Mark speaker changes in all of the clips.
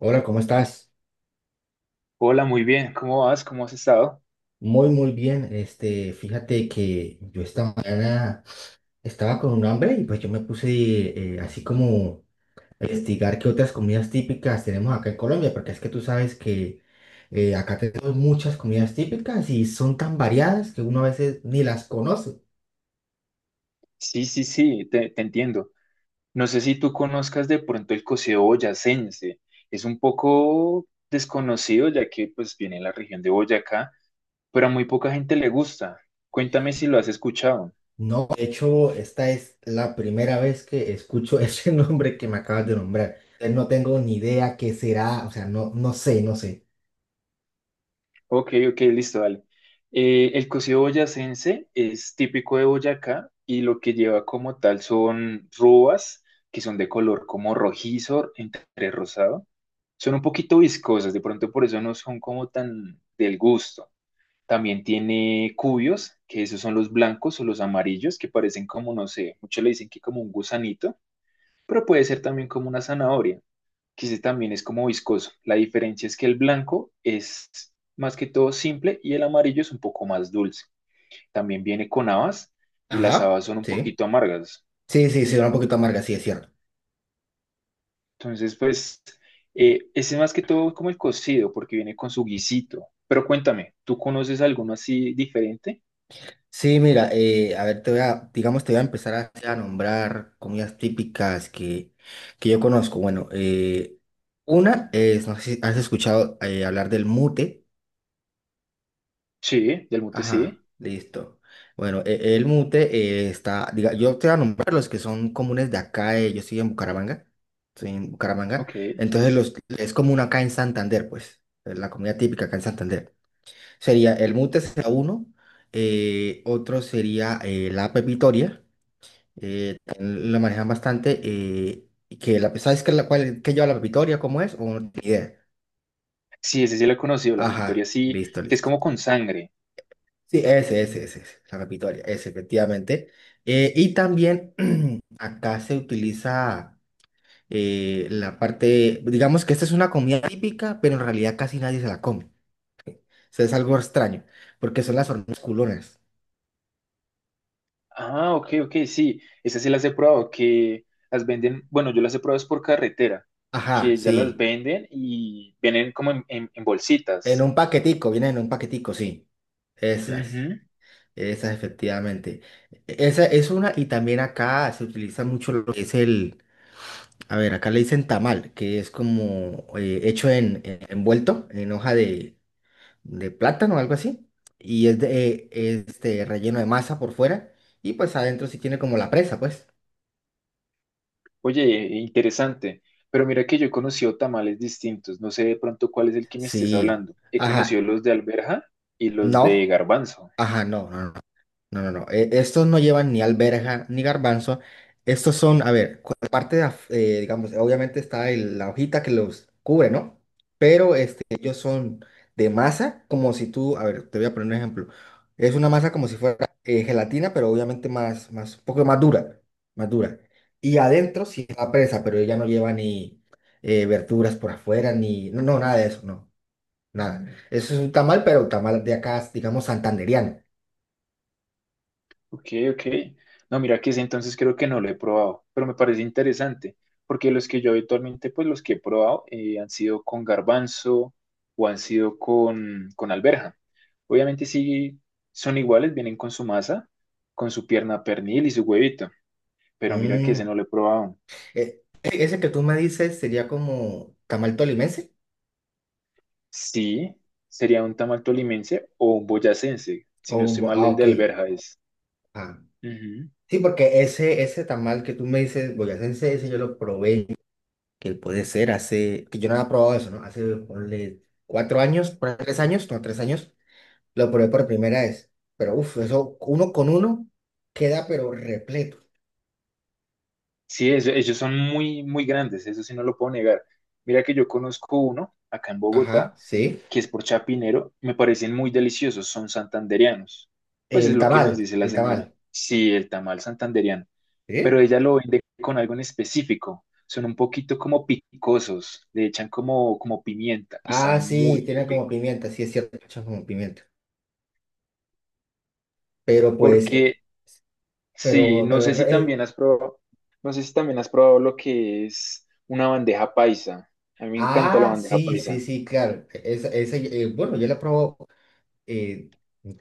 Speaker 1: Hola, ¿cómo estás?
Speaker 2: Hola, muy bien. ¿Cómo vas? ¿Cómo has estado?
Speaker 1: Muy bien. Este, fíjate que yo esta mañana estaba con un hambre y pues yo me puse así como a investigar qué otras comidas típicas tenemos acá en Colombia, porque es que tú sabes que acá tenemos muchas comidas típicas y son tan variadas que uno a veces ni las conoce.
Speaker 2: Sí, sí, sí, te entiendo. No sé si tú conozcas de pronto el coceo boyacense. Es un poco desconocido ya que pues viene en la región de Boyacá, pero a muy poca gente le gusta. Cuéntame si lo has escuchado.
Speaker 1: No, de hecho, esta es la primera vez que escucho ese nombre que me acabas de nombrar. No tengo ni idea qué será, o sea, no sé, no sé.
Speaker 2: Ok, ok, listo, dale. El cocido boyacense es típico de Boyacá y lo que lleva como tal son robas que son de color como rojizo entre rosado. Son un poquito viscosas, de pronto por eso no son como tan del gusto. También tiene cubios, que esos son los blancos o los amarillos, que parecen como, no sé, muchos le dicen que como un gusanito, pero puede ser también como una zanahoria, que ese también es como viscoso. La diferencia es que el blanco es más que todo simple y el amarillo es un poco más dulce. También viene con habas y las
Speaker 1: Ajá,
Speaker 2: habas son un
Speaker 1: sí.
Speaker 2: poquito amargas.
Speaker 1: Sí, sí, sí, va un poquito amarga, sí, es cierto.
Speaker 2: Entonces, pues, ese más que todo es como el cocido, porque viene con su guisito. Pero cuéntame, ¿tú conoces alguno así diferente?
Speaker 1: Sí, mira, a ver, te voy a, digamos, te voy a empezar a nombrar comidas típicas que yo conozco. Bueno, una es, no sé si has escuchado hablar del mute.
Speaker 2: Sí, del mute sí.
Speaker 1: Ajá, listo. Bueno, el mute está, diga, yo te voy a nombrar los que son comunes de acá, yo estoy en Bucaramanga, estoy en Bucaramanga.
Speaker 2: Ok.
Speaker 1: Entonces, los, es común acá en Santander, pues, es la comida típica acá en Santander. Sería el MUTES a uno, otro sería la app Vitoria, también la manejan bastante, que la, ¿sabes qué, la, cuál, qué lleva la app Vitoria? ¿Cómo es? ¿O no tienes idea?
Speaker 2: Sí, ese sí lo he conocido, la pepitoria
Speaker 1: Ajá,
Speaker 2: sí,
Speaker 1: listo,
Speaker 2: que es
Speaker 1: listo.
Speaker 2: como con sangre.
Speaker 1: Sí, ese, la app Vitoria, ese, efectivamente. Y también acá se utiliza la parte, digamos que esta es una comida típica, pero en realidad casi nadie se la come. O sea, es algo extraño, porque son las hormigas culonas.
Speaker 2: Ah, ok, ok, sí. Esas sí las he probado, que las venden, bueno, yo las he probado es por carretera,
Speaker 1: Ajá,
Speaker 2: que ya las
Speaker 1: sí.
Speaker 2: venden y vienen como en, en
Speaker 1: En
Speaker 2: bolsitas.
Speaker 1: un paquetico, vienen en un paquetico, sí. Esas,
Speaker 2: Ujú.
Speaker 1: esas efectivamente. E, esa es una, y también acá se utiliza mucho lo que es el, a ver, acá le dicen tamal, que es como hecho en, envuelto en hoja de plátano o algo así, y es de, este, relleno de masa por fuera, y pues adentro sí tiene como la presa, pues.
Speaker 2: Oye, interesante. Pero mira que yo he conocido tamales distintos. No sé de pronto cuál es el que me estés
Speaker 1: Sí,
Speaker 2: hablando. He conocido
Speaker 1: ajá,
Speaker 2: los de alberja y los de
Speaker 1: no,
Speaker 2: garbanzo.
Speaker 1: ajá, no. No. Estos no llevan ni alberja ni garbanzo. Estos son, a ver, aparte de, digamos, obviamente está la hojita que los cubre, ¿no? Pero este, ellos son de masa, como si tú, a ver, te voy a poner un ejemplo. Es una masa como si fuera gelatina, pero obviamente más, un poco más dura, más dura. Y adentro sí está presa, pero ella no lleva ni verduras por afuera, ni, no, no, nada de eso, no, nada. Eso es un tamal, pero tamal de acá, digamos, santandereano.
Speaker 2: Ok, ok. No, mira que ese entonces creo que no lo he probado, pero me parece interesante, porque los que yo habitualmente, pues los que he probado han sido con garbanzo o han sido con alberja. Obviamente sí son iguales, vienen con su masa, con su pierna pernil y su huevito, pero mira que ese
Speaker 1: Mm.
Speaker 2: no lo he probado.
Speaker 1: Ese que tú me dices sería como tamal tolimense
Speaker 2: Sí, sería un tamal tolimense o un boyacense, si
Speaker 1: o
Speaker 2: no
Speaker 1: un
Speaker 2: estoy mal,
Speaker 1: ah,
Speaker 2: el de
Speaker 1: ok.
Speaker 2: Alberja es.
Speaker 1: Ah,
Speaker 2: Ujú.
Speaker 1: sí, porque ese tamal que tú me dices, boyacense, ese yo lo probé, que puede ser hace, que yo no había probado eso, ¿no? Hace, ponle, cuatro años, por ahí, tres años, no, tres años, lo probé por primera vez. Pero uff, eso uno con uno queda pero repleto.
Speaker 2: Sí, ellos son muy, muy grandes, eso sí no lo puedo negar. Mira que yo conozco uno acá en
Speaker 1: Ajá,
Speaker 2: Bogotá,
Speaker 1: sí.
Speaker 2: que es por Chapinero, me parecen muy deliciosos, son santandereanos. Pues es
Speaker 1: El
Speaker 2: lo que nos
Speaker 1: tamal,
Speaker 2: dice la
Speaker 1: el
Speaker 2: señora.
Speaker 1: tamal.
Speaker 2: Sí, el tamal santandereano, pero
Speaker 1: ¿Sí?
Speaker 2: ella lo vende con algo en específico. Son un poquito como picosos, le echan como, como pimienta y
Speaker 1: Ah,
Speaker 2: saben muy
Speaker 1: sí, tiene como
Speaker 2: rico.
Speaker 1: pimienta, sí es cierto, echa como pimienta. Pero pues,
Speaker 2: Porque sí, no
Speaker 1: pero el,
Speaker 2: sé si también has probado, no sé si también has probado lo que es una bandeja paisa. A mí me encanta la
Speaker 1: ah,
Speaker 2: bandeja
Speaker 1: sí, sí,
Speaker 2: paisa.
Speaker 1: sí, claro. Esa, bueno, yo la he probado eh,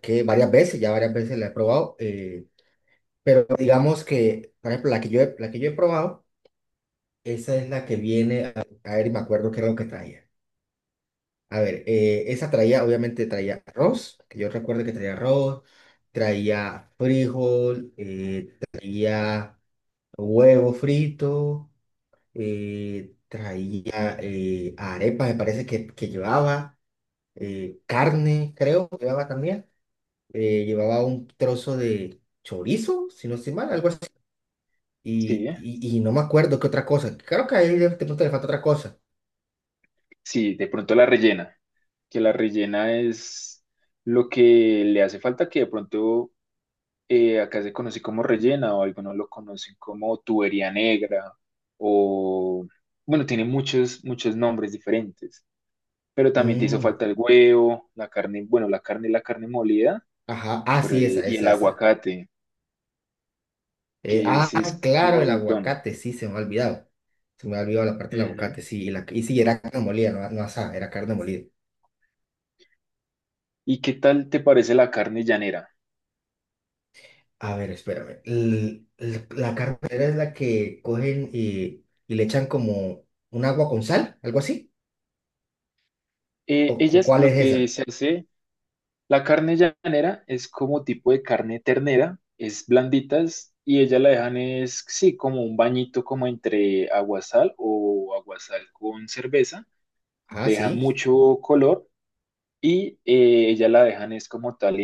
Speaker 1: que varias veces, ya varias veces la he probado, pero digamos que, por ejemplo, la que yo he probado, esa es la que viene, a ver, y me acuerdo qué era lo que traía. A ver, esa traía, obviamente traía arroz, que yo recuerdo que traía arroz, traía frijol, traía huevo frito, traía arepas, me parece que llevaba. Eh, carne, creo, llevaba también. Eh, llevaba un trozo de chorizo, si no estoy mal, algo así.
Speaker 2: Sí,
Speaker 1: Y, y no me acuerdo qué otra cosa. Claro que ahí de pronto le falta otra cosa.
Speaker 2: sí, de pronto la rellena, que la rellena es lo que le hace falta, que de pronto acá se conoce como rellena o algunos lo conocen como tubería negra o, bueno, tiene muchos, muchos nombres diferentes, pero también te hizo
Speaker 1: Mm,
Speaker 2: falta el huevo, la carne, bueno, la carne molida
Speaker 1: ajá, ah,
Speaker 2: por,
Speaker 1: sí, esa,
Speaker 2: y
Speaker 1: esa,
Speaker 2: el
Speaker 1: esa.
Speaker 2: aguacate. Que ese
Speaker 1: Ah,
Speaker 2: es
Speaker 1: claro,
Speaker 2: como
Speaker 1: el
Speaker 2: el don.
Speaker 1: aguacate, sí, se me ha olvidado. Se me ha olvidado la parte del aguacate,
Speaker 2: Ujú.
Speaker 1: sí. Y, la, y sí, era carne molida, no, no asada, era carne molida.
Speaker 2: ¿Y qué tal te parece la carne llanera?
Speaker 1: A ver, espérame. La carne molida es la que cogen y le echan como un agua con sal, algo así.
Speaker 2: Eh,
Speaker 1: O
Speaker 2: ellas
Speaker 1: cuál
Speaker 2: lo
Speaker 1: es
Speaker 2: que
Speaker 1: esa?
Speaker 2: se hace, la carne llanera es como tipo de carne ternera, es blanditas y ella la dejan es, sí, como un bañito como entre aguasal o aguasal con cerveza,
Speaker 1: Ah,
Speaker 2: le dejan
Speaker 1: sí.
Speaker 2: mucho color y ella la dejan es como tal,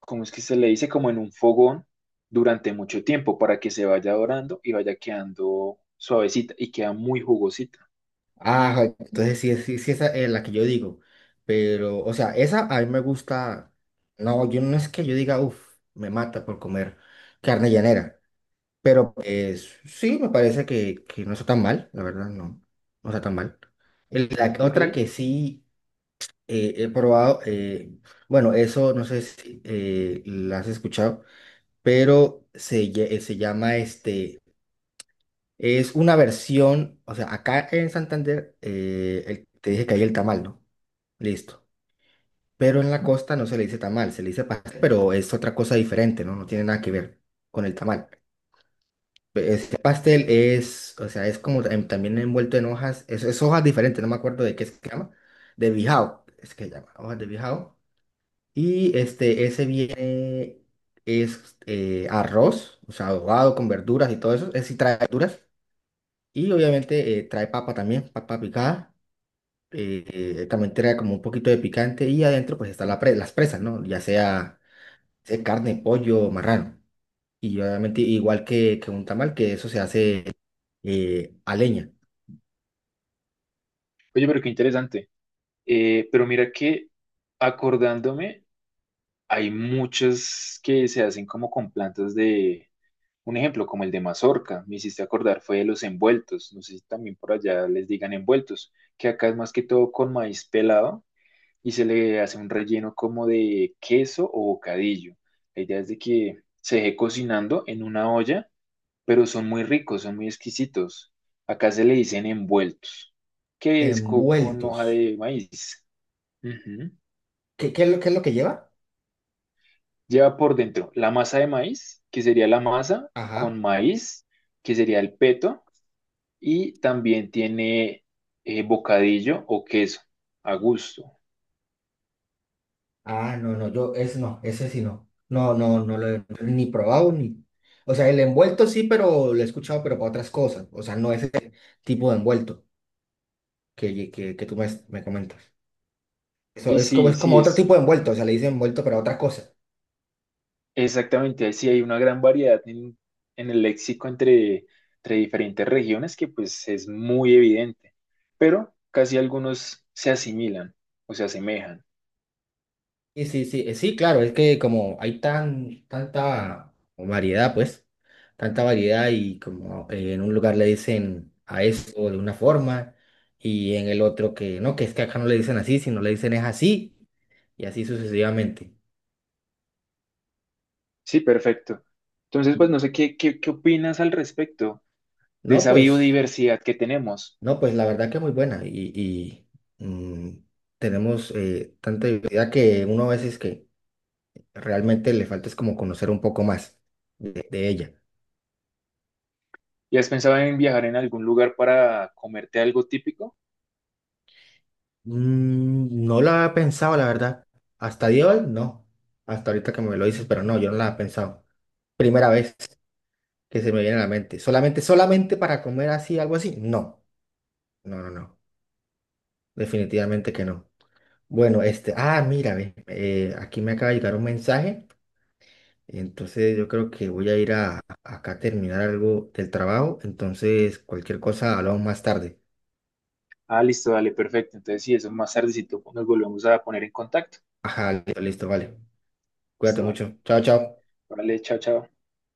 Speaker 2: ¿como es que se le dice? Como en un fogón durante mucho tiempo para que se vaya dorando y vaya quedando suavecita y queda muy jugosita.
Speaker 1: Ah, entonces sí, sí, sí, esa es la que yo digo. Pero, o sea, esa a mí me gusta. No, yo no es que yo diga, uff, me mata por comer carne llanera. Pero pues sí, me parece que no está tan mal, la verdad, no. No está tan mal. La
Speaker 2: Ok.
Speaker 1: otra
Speaker 2: Oye,
Speaker 1: que sí he probado, bueno, eso no sé si la has escuchado, pero se, se llama este. Es una versión, o sea, acá en Santander te dije que hay el tamal, ¿no? Listo. Pero en la costa no se le dice tamal, se le dice pastel, pero es otra cosa diferente, ¿no? No tiene nada que ver con el tamal. Este pastel es, o sea, es como también envuelto en hojas, es hojas diferentes, no me acuerdo de qué se llama, de bijao, es que se llama, hojas de bijao. Y este, ese viene, es arroz, o sea, ahogado con verduras y todo eso, es si trae verduras. Y obviamente trae papa también, papa picada. eh, también trae como un poquito de picante y adentro pues están las presas, ¿no? Ya sea, sea carne, pollo, marrano. Y obviamente igual que un tamal, que eso se hace a leña.
Speaker 2: pero qué interesante. Pero mira que acordándome, hay muchas que se hacen como con plantas de, un ejemplo, como el de mazorca, me hiciste acordar, fue de los envueltos. No sé si también por allá les digan envueltos, que acá es más que todo con maíz pelado y se le hace un relleno como de queso o bocadillo. La idea es de que se deje cocinando en una olla, pero son muy ricos, son muy exquisitos. Acá se le dicen envueltos, que es con
Speaker 1: Envueltos.
Speaker 2: hoja de maíz. Ujú.
Speaker 1: ¿Qué, qué es lo que lleva?
Speaker 2: Lleva por dentro la masa de maíz, que sería la masa con
Speaker 1: Ajá.
Speaker 2: maíz, que sería el peto, y también tiene bocadillo o queso a gusto.
Speaker 1: Ah, no, no, yo, ese no, ese sí no. No lo he ni probado ni... O sea, el envuelto sí, pero lo he escuchado, pero para otras cosas. O sea, no ese tipo de envuelto que tú me comentas. Eso
Speaker 2: Ok, sí,
Speaker 1: es como
Speaker 2: sí,
Speaker 1: otro
Speaker 2: es
Speaker 1: tipo de envuelto, o sea, le dicen envuelto para otra cosa.
Speaker 2: exactamente, ahí sí hay una gran variedad en el léxico entre, entre diferentes regiones que pues es muy evidente, pero casi algunos se asimilan o se asemejan.
Speaker 1: Sí, sí, sí, sí, claro, es que como hay tanta variedad, pues, tanta variedad y como en un lugar le dicen a eso de una forma y en el otro que no, que es que acá no le dicen así, sino le dicen es así y así sucesivamente.
Speaker 2: Sí, perfecto. Entonces, pues no sé qué opinas al respecto de
Speaker 1: No,
Speaker 2: esa
Speaker 1: pues,
Speaker 2: biodiversidad que tenemos.
Speaker 1: no, pues la verdad que muy buena y mm, tenemos tanta diversidad que uno a veces que realmente le falta es como conocer un poco más de ella.
Speaker 2: ¿Y has pensado en viajar en algún lugar para comerte algo típico?
Speaker 1: Mm, no la había pensado, la verdad. Hasta dios no. Hasta ahorita que me lo dices, pero no, yo no la he pensado. Primera vez que se me viene a la mente. Solamente para comer así, algo así. No, no. Definitivamente que no. Bueno, este, ah, mira, ve, aquí me acaba de llegar un mensaje. Entonces yo creo que voy a ir acá a terminar algo del trabajo. Entonces, cualquier cosa, hablamos más tarde.
Speaker 2: Ah, listo, dale, perfecto. Entonces, sí, eso más tardecito nos volvemos a poner en contacto.
Speaker 1: Ajá, listo, listo, vale. Cuídate
Speaker 2: Listo, vale.
Speaker 1: mucho. Chao, chao.
Speaker 2: Vale, chao, chao.